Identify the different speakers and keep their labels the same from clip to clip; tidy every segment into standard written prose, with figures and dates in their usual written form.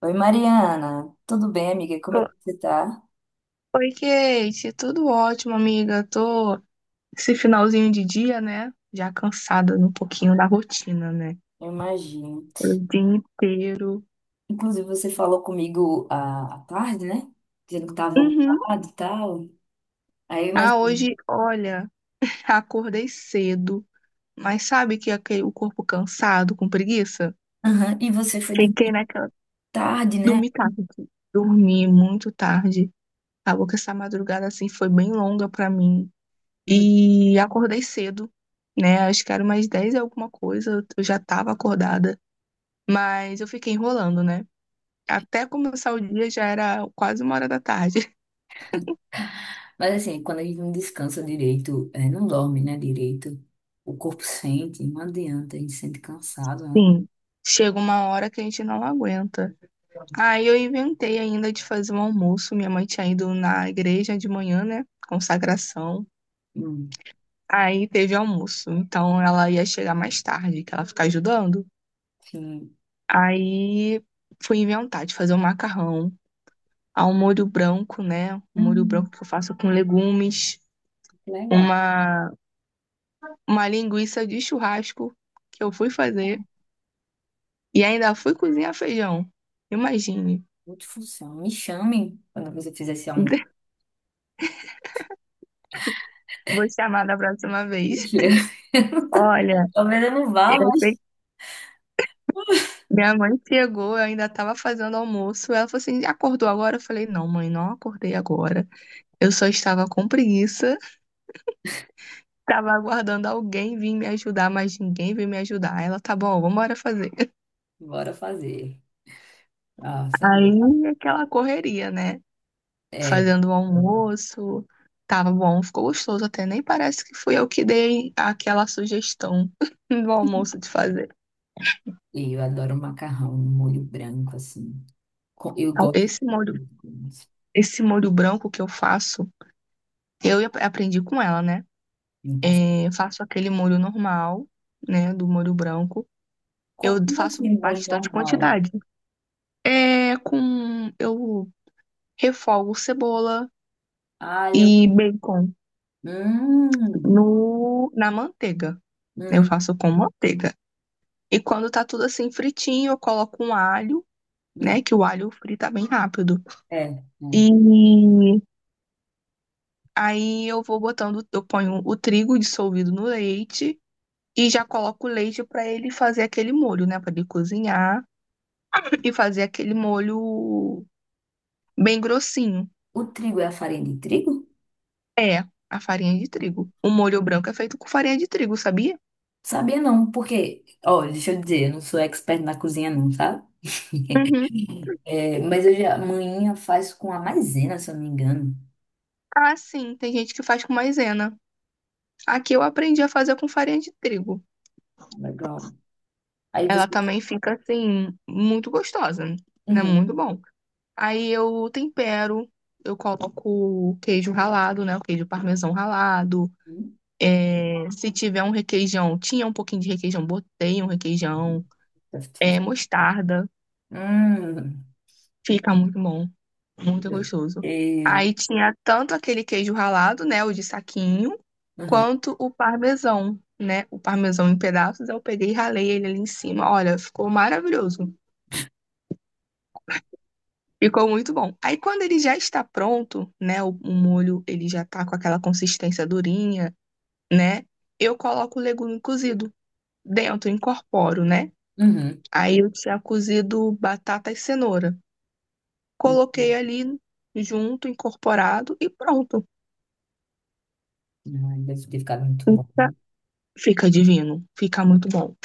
Speaker 1: Oi, Mariana. Tudo bem, amiga? Como é que
Speaker 2: O-
Speaker 1: você tá?
Speaker 2: Oi, Kate, tudo ótimo, amiga. Tô esse finalzinho de dia, né? Já cansada um pouquinho da rotina, né?
Speaker 1: Eu imagino.
Speaker 2: O dia inteiro.
Speaker 1: Inclusive, você falou comigo à tarde, né? Dizendo que estava
Speaker 2: Uhum.
Speaker 1: ocupado e tal. Aí, mas.
Speaker 2: Ah, hoje, olha, acordei cedo, mas sabe que aquele, o corpo cansado, com preguiça?
Speaker 1: Aham, e você foi dormir
Speaker 2: Fiquei naquela.
Speaker 1: tarde, né?
Speaker 2: Dormi tarde. Dormi muito tarde. Acabou que essa madrugada, assim, foi bem longa pra mim.
Speaker 1: Hum,
Speaker 2: E acordei cedo, né? Acho que era umas 10 e alguma coisa. Eu já tava acordada. Mas eu fiquei enrolando, né? Até começar o dia já era quase 1 hora da tarde.
Speaker 1: Mas assim, quando a gente não descansa direito, é, não dorme, né, direito, o corpo sente, não adianta, a gente sente cansado, né?
Speaker 2: Sim. Chega uma hora que a gente não aguenta. Aí eu inventei ainda de fazer um almoço. Minha mãe tinha ido na igreja de manhã, né? Consagração.
Speaker 1: Hum,
Speaker 2: Aí teve almoço. Então ela ia chegar mais tarde, que ela fica ajudando.
Speaker 1: sim.
Speaker 2: Aí fui inventar de fazer um macarrão, a um molho branco, né? Um molho
Speaker 1: Hum,
Speaker 2: branco que eu faço com legumes,
Speaker 1: legal.
Speaker 2: uma, uma linguiça de churrasco que eu fui fazer. E ainda fui cozinhar feijão. Imagine.
Speaker 1: Multifunção. Me chame quando você fizer esse almoço.
Speaker 2: Vou chamar da próxima vez.
Speaker 1: Mentira.
Speaker 2: Olha,
Speaker 1: Talvez eu não vá,
Speaker 2: eu sei
Speaker 1: mas.
Speaker 2: que minha mãe chegou, eu ainda estava fazendo almoço. Ela falou assim: acordou agora? Eu falei: não, mãe, não acordei agora. Eu só estava com preguiça, estava aguardando alguém vir me ajudar, mas ninguém veio me ajudar. Ela: tá bom, vamos embora fazer.
Speaker 1: Bora fazer. Nossa,
Speaker 2: Aí aquela correria, né?
Speaker 1: é,
Speaker 2: Fazendo o almoço. Tava bom, ficou gostoso até. Nem parece que fui eu que dei aquela sugestão do almoço de fazer.
Speaker 1: e eu adoro macarrão, um molho branco, assim. Com- eu
Speaker 2: Então,
Speaker 1: gosto
Speaker 2: esse
Speaker 1: de
Speaker 2: molho,
Speaker 1: tudo com isso.
Speaker 2: esse molho branco que eu faço, aprendi com ela, né?
Speaker 1: Não passa-
Speaker 2: É, faço aquele molho normal, né? Do molho branco. Eu
Speaker 1: Como
Speaker 2: faço
Speaker 1: assim, molho
Speaker 2: bastante
Speaker 1: normal?
Speaker 2: quantidade. É com. Eu refogo cebola e
Speaker 1: Alho.
Speaker 2: bacon
Speaker 1: Hum,
Speaker 2: no, na manteiga. Né? Eu
Speaker 1: hum,
Speaker 2: faço com manteiga. E quando tá tudo assim fritinho, eu coloco um alho,
Speaker 1: hum.
Speaker 2: né? Que o alho frita bem rápido.
Speaker 1: É, é.
Speaker 2: E aí eu vou botando, eu ponho o trigo dissolvido no leite. E já coloco o leite para ele fazer aquele molho, né? Para ele cozinhar e fazer aquele molho bem grossinho.
Speaker 1: O trigo é a farinha de trigo?
Speaker 2: É, a farinha de
Speaker 1: Hum.
Speaker 2: trigo. O molho branco é feito com farinha de trigo, sabia?
Speaker 1: Sabia não, porque, ó, deixa eu dizer, eu não sou expert na cozinha não, sabe?
Speaker 2: Uhum.
Speaker 1: É, mas manhinha faz com a maisena, se eu não me engano.
Speaker 2: Ah, sim, tem gente que faz com maisena. Aqui eu aprendi a fazer com farinha de trigo.
Speaker 1: Legal. Aí você...
Speaker 2: Ela também fica assim, muito gostosa, né?
Speaker 1: Uhum.
Speaker 2: Muito bom. Aí eu tempero, eu coloco queijo ralado, né? O queijo parmesão ralado. É, se tiver um requeijão, tinha um pouquinho de requeijão, botei um requeijão, é, mostarda,
Speaker 1: Hum,
Speaker 2: fica muito bom,
Speaker 1: e
Speaker 2: muito
Speaker 1: Deus.
Speaker 2: gostoso. Aí tinha tanto aquele queijo ralado, né, o de saquinho,
Speaker 1: Uhum,
Speaker 2: quanto o parmesão, né, o parmesão em pedaços, eu peguei e ralei ele ali em cima. Olha, ficou maravilhoso. Ficou muito bom. Aí quando ele já está pronto, né, o molho, ele já tá com aquela consistência durinha, né, eu coloco o legume cozido dentro, incorporo, né?
Speaker 1: uhum,
Speaker 2: Aí eu tinha cozido batata e cenoura.
Speaker 1: uhum.
Speaker 2: Coloquei ali junto, incorporado e pronto.
Speaker 1: Ai, deve ter ficado muito bom.
Speaker 2: Fica, fica divino, fica muito bom.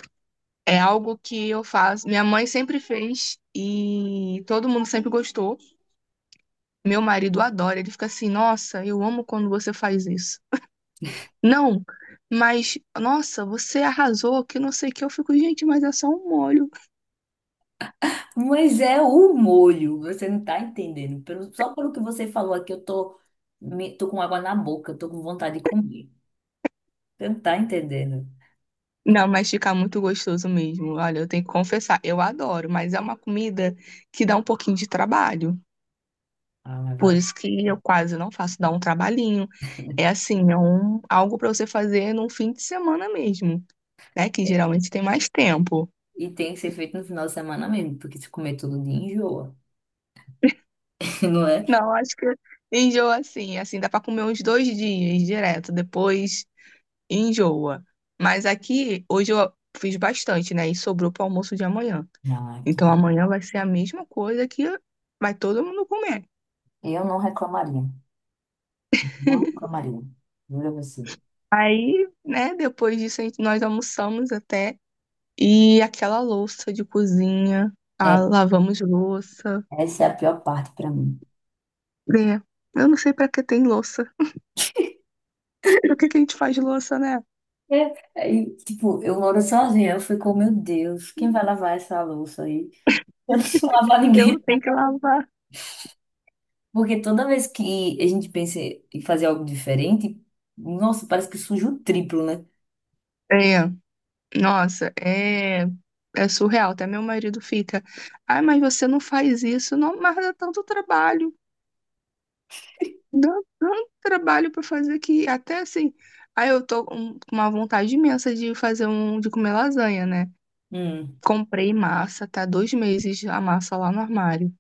Speaker 2: É algo que eu faço, minha mãe sempre fez e todo mundo sempre gostou. Meu marido adora, ele fica assim: "Nossa, eu amo quando você faz isso". Não, mas nossa, você arrasou, que não sei o que eu fico, gente, mas é só um molho.
Speaker 1: Mas é o molho, você não tá entendendo. Pelo- só pelo que você falou aqui, eu tô, me- tô com água na boca, eu tô com vontade de comer. Você não tá entendendo.
Speaker 2: Não, mas fica muito gostoso mesmo. Olha, eu tenho que confessar, eu adoro, mas é uma comida que dá um pouquinho de trabalho.
Speaker 1: Ah, mas
Speaker 2: Por
Speaker 1: vale.
Speaker 2: isso que eu quase não faço, dá um trabalhinho. É assim, é um, algo para você fazer num fim de semana mesmo, né? Que
Speaker 1: É,
Speaker 2: geralmente tem mais tempo.
Speaker 1: e tem que ser feito no final de semana mesmo, porque se comer todo dia, enjoa. Não é?
Speaker 2: Não, acho que enjoa assim, dá para comer uns 2 dias direto, depois enjoa. Mas aqui, hoje eu fiz bastante, né? E sobrou para o almoço de amanhã.
Speaker 1: Não, que
Speaker 2: Então
Speaker 1: bom.
Speaker 2: amanhã vai ser a mesma coisa que vai todo mundo comer.
Speaker 1: Eu não reclamaria. Não reclamaria. Juro a você.
Speaker 2: Né? Depois disso, nós almoçamos até. E aquela louça de cozinha,
Speaker 1: É,
Speaker 2: lavamos louça.
Speaker 1: essa é a pior parte pra mim.
Speaker 2: Né? Eu não sei pra que tem louça. Pra que que a gente faz louça, né?
Speaker 1: É, aí, tipo, eu moro sozinha. Eu fico, meu Deus, quem vai lavar essa louça aí? Eu não vou lavar
Speaker 2: Eu
Speaker 1: ninguém.
Speaker 2: tenho que lavar.
Speaker 1: Porque toda vez que a gente pensa em fazer algo diferente, nossa, parece que suja o triplo, né?
Speaker 2: É, nossa, é, é surreal. Até meu marido fica, ai, mas você não faz isso, não, mas dá tanto trabalho. Dá tanto trabalho pra fazer que até assim. Aí eu tô com uma vontade imensa de fazer um, de comer lasanha, né?
Speaker 1: Hum,
Speaker 2: Comprei massa, tá 2 meses a massa lá no armário.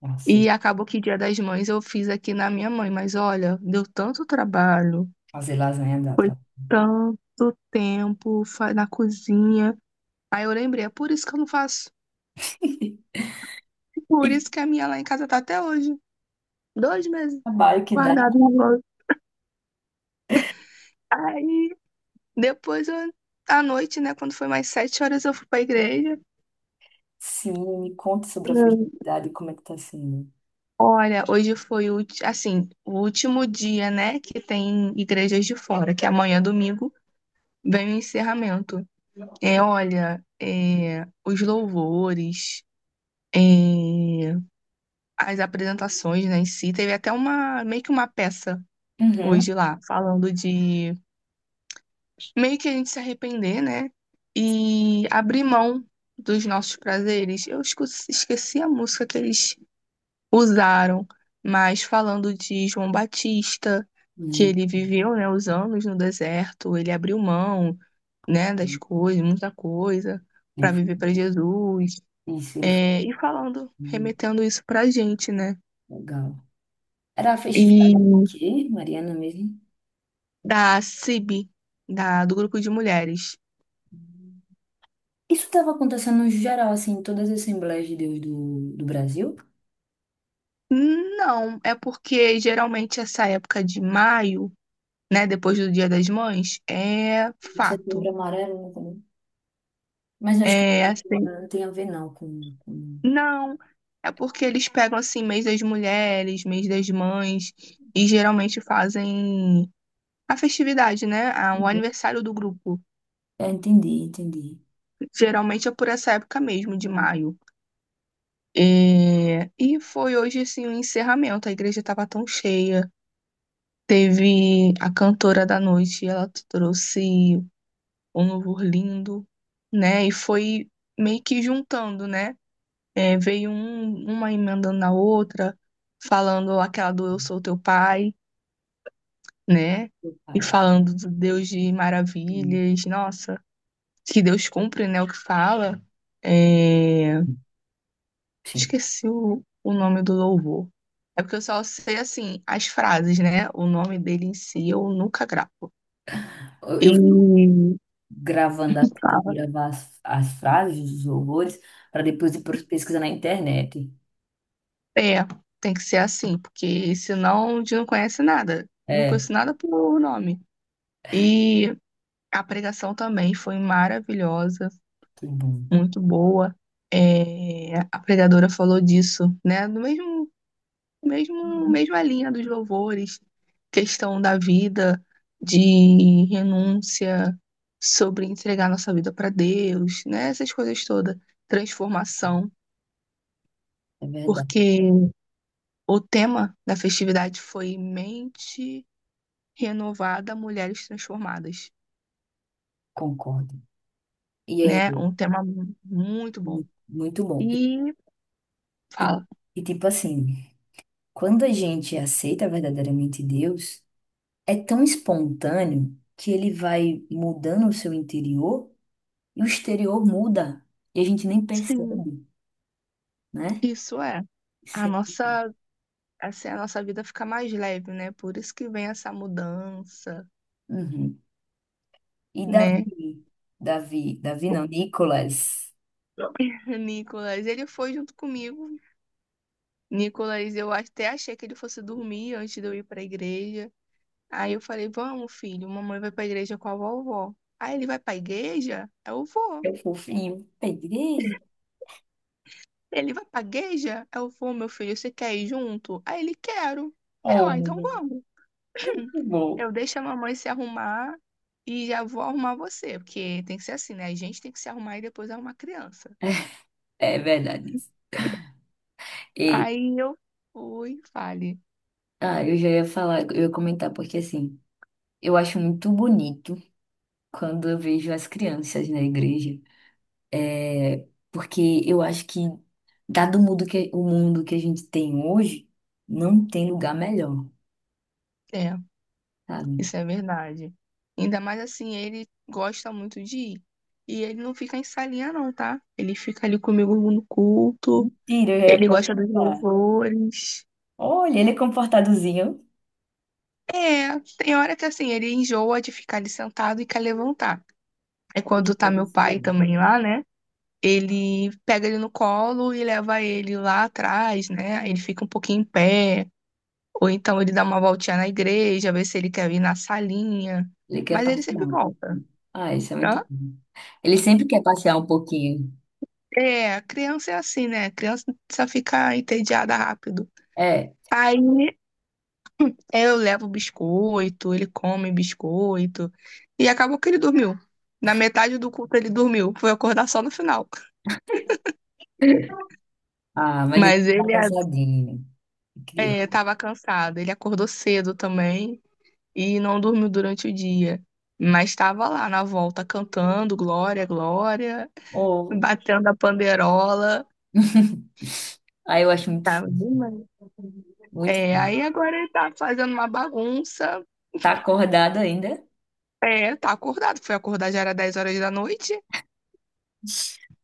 Speaker 1: nossa,
Speaker 2: E acabou que Dia das Mães eu fiz aqui na minha mãe, mas olha, deu tanto trabalho,
Speaker 1: fazer lasanha dá
Speaker 2: foi
Speaker 1: tra-
Speaker 2: tanto tempo na cozinha. Aí eu lembrei, é por isso que eu não faço. Por isso que a minha lá em casa tá até hoje. 2 meses
Speaker 1: trabalho que dá.
Speaker 2: guardada na bolsa. Aí depois eu, à noite, né, quando foi mais 7 horas, eu fui pra igreja.
Speaker 1: Sim, me conta sobre a festividade, como é que tá sendo.
Speaker 2: Olha, hoje foi assim, o último dia, né, que tem igrejas de fora, que amanhã, domingo, vem o encerramento. É, olha, é, os louvores, é, as apresentações, né, em si, teve até meio que uma peça
Speaker 1: Uhum.
Speaker 2: hoje lá, falando de meio que a gente se arrepender, né, e abrir mão dos nossos prazeres. Esqueci a música que eles usaram, mas falando de João Batista, que
Speaker 1: Hum,
Speaker 2: ele viveu, né, os anos no deserto, ele abriu mão, né, das
Speaker 1: hum.
Speaker 2: coisas, muita coisa,
Speaker 1: Ele
Speaker 2: para
Speaker 1: foi-
Speaker 2: viver para Jesus,
Speaker 1: Isso, ele foi
Speaker 2: é, e falando,
Speaker 1: hum,
Speaker 2: remetendo isso para a gente, né?
Speaker 1: legal. Era a festividade
Speaker 2: E
Speaker 1: de quê, Mariana mesmo?
Speaker 2: da CIB, do grupo de mulheres.
Speaker 1: Isso estava acontecendo no geral, assim, em todas as Assembleias de Deus do Brasil.
Speaker 2: Não, é porque geralmente essa época de maio, né, depois do Dia das Mães, é fato.
Speaker 1: Setembro Amarelo, né, também. Mas acho que
Speaker 2: É assim.
Speaker 1: não tem a ver, não, com-
Speaker 2: Não, é porque eles pegam assim mês das mulheres, mês das mães e geralmente fazem a festividade, né? Ah, o
Speaker 1: Uhum.
Speaker 2: aniversário do grupo.
Speaker 1: É, entendi, entendi.
Speaker 2: Geralmente é por essa época mesmo, de maio. É, e foi hoje assim o encerramento. A igreja estava tão cheia. Teve a cantora da noite, ela trouxe um louvor lindo, né? E foi meio que juntando, né? É, veio uma emendando na outra, falando aquela do Eu sou teu pai, né?
Speaker 1: Meu
Speaker 2: E
Speaker 1: pai.
Speaker 2: falando do Deus de
Speaker 1: Hum.
Speaker 2: maravilhas. Nossa, que Deus cumpre, né? O que fala. É,
Speaker 1: Sim.
Speaker 2: esqueci o nome do louvor. É porque eu só sei, assim, as frases, né? O nome dele em si eu nunca gravo.
Speaker 1: Eu
Speaker 2: E
Speaker 1: fico gravando, assim, tentando
Speaker 2: fala,
Speaker 1: gravar as frases, os horrores, para depois ir pros- pesquisar na internet.
Speaker 2: é, tem que ser assim, porque senão a gente não conhece nada. Não
Speaker 1: É,
Speaker 2: conheço nada pelo nome. E a pregação também foi maravilhosa,
Speaker 1: que bom.
Speaker 2: muito boa. É, a pregadora falou disso, né? No
Speaker 1: Uhum.
Speaker 2: mesma linha dos louvores, questão da vida, de renúncia, sobre entregar nossa vida para Deus, né? Essas coisas todas, transformação,
Speaker 1: É verdade,
Speaker 2: porque o tema da festividade foi mente renovada, mulheres transformadas,
Speaker 1: concordo. E é
Speaker 2: né? Um tema muito bom.
Speaker 1: mu- muito bom.
Speaker 2: E
Speaker 1: E,
Speaker 2: fala.
Speaker 1: e tipo assim, quando a gente aceita verdadeiramente Deus, é tão espontâneo que ele vai mudando o seu interior e o exterior muda. E a gente nem
Speaker 2: Sim,
Speaker 1: percebe, né?
Speaker 2: isso é. A
Speaker 1: Isso é-
Speaker 2: nossa, assim, a nossa vida fica mais leve, né? Por isso que vem essa mudança,
Speaker 1: Uhum. E
Speaker 2: né?
Speaker 1: Davi, Davi, Davi não, Nicolas,
Speaker 2: Nicolas, ele foi junto comigo. Nicolas, eu até achei que ele fosse dormir antes de eu ir pra igreja. Aí eu falei: Vamos, filho, mamãe vai pra igreja com a vovó. Aí ele vai pra igreja? Eu vou.
Speaker 1: eu fofinho, da igreja.
Speaker 2: Ele vai pra igreja? Eu vou, meu filho, você quer ir junto? Aí ele: Quero. Aí eu:
Speaker 1: Oh,
Speaker 2: ah, então
Speaker 1: mulher,
Speaker 2: vamos.
Speaker 1: que bom.
Speaker 2: Eu deixo a mamãe se arrumar e já vou arrumar você, porque tem que ser assim, né? A gente tem que se arrumar e depois arrumar a criança.
Speaker 1: É verdade isso. E,
Speaker 2: Aí eu fui, falei,
Speaker 1: ah, eu já ia falar, eu ia comentar, porque assim, eu acho muito bonito quando eu vejo as crianças na igreja. É, porque eu acho que, dado o mundo que a gente tem hoje, não tem lugar melhor,
Speaker 2: é,
Speaker 1: sabe?
Speaker 2: isso é verdade. Ainda mais assim, ele gosta muito de ir. E ele não fica em salinha, não, tá? Ele fica ali comigo no culto,
Speaker 1: Mentira, eu ia
Speaker 2: ele gosta dos
Speaker 1: perguntar.
Speaker 2: louvores.
Speaker 1: Olha, ele é comportadozinho.
Speaker 2: É, tem hora que assim, ele enjoa de ficar ali sentado e quer levantar. É
Speaker 1: Ele
Speaker 2: quando tá
Speaker 1: quer
Speaker 2: meu
Speaker 1: passear.
Speaker 2: pai também lá, né? Ele pega ele no colo e leva ele lá atrás, né? Aí ele fica um pouquinho em pé, ou então ele dá uma voltinha na igreja, vê se ele quer ir na salinha,
Speaker 1: Ele quer
Speaker 2: mas ele sempre
Speaker 1: passear um
Speaker 2: volta.
Speaker 1: pouquinho. Ah, isso é muito
Speaker 2: Hã?
Speaker 1: bom. Ele sempre quer passear um pouquinho.
Speaker 2: É, a criança é assim, né? A criança precisa ficar entediada rápido.
Speaker 1: É.
Speaker 2: Aí eu levo biscoito, ele come biscoito, e acabou que ele dormiu. Na metade do culto ele dormiu, foi acordar só no final.
Speaker 1: Ah, mas ele
Speaker 2: Mas
Speaker 1: tá
Speaker 2: ele
Speaker 1: cansadinho. Eu queria-
Speaker 2: é, tava cansado, ele acordou cedo também. E não dormiu durante o dia. Mas estava lá na volta cantando Glória, Glória,
Speaker 1: Oh.
Speaker 2: batendo a panderola.
Speaker 1: Aí eu acho muito fofo,
Speaker 2: Tava demais.
Speaker 1: muito
Speaker 2: É,
Speaker 1: fofo.
Speaker 2: aí agora ele tá fazendo uma bagunça.
Speaker 1: Tá acordado ainda?
Speaker 2: É, tá acordado. Foi acordar já era 10 horas da noite.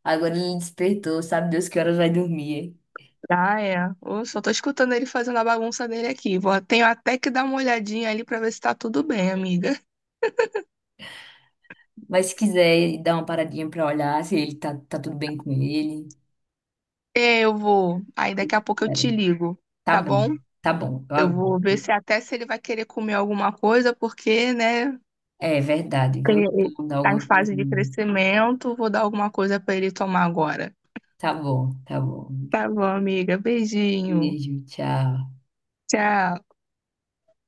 Speaker 1: Agora ele despertou, sabe Deus que horas vai dormir.
Speaker 2: Ah, é. Eu só tô escutando ele fazendo a bagunça dele aqui. Vou, tenho até que dar uma olhadinha ali pra ver se tá tudo bem, amiga.
Speaker 1: Mas se quiser dar uma paradinha pra olhar se ele tá, tá tudo bem com ele.
Speaker 2: É, eu vou. Aí daqui a pouco eu
Speaker 1: É,
Speaker 2: te ligo,
Speaker 1: tá
Speaker 2: tá bom?
Speaker 1: bom, tá bom. Eu
Speaker 2: Eu
Speaker 1: aguardo.
Speaker 2: vou ver se até se ele vai querer comer alguma coisa, porque, né,
Speaker 1: É verdade, viu?
Speaker 2: cre-
Speaker 1: Então, dá
Speaker 2: tá em
Speaker 1: alguma coisa.
Speaker 2: fase de crescimento, vou dar alguma coisa para ele tomar agora.
Speaker 1: Tá bom, tá bom.
Speaker 2: Tá bom, amiga. Beijinho.
Speaker 1: Beijo, tchau.
Speaker 2: Tchau.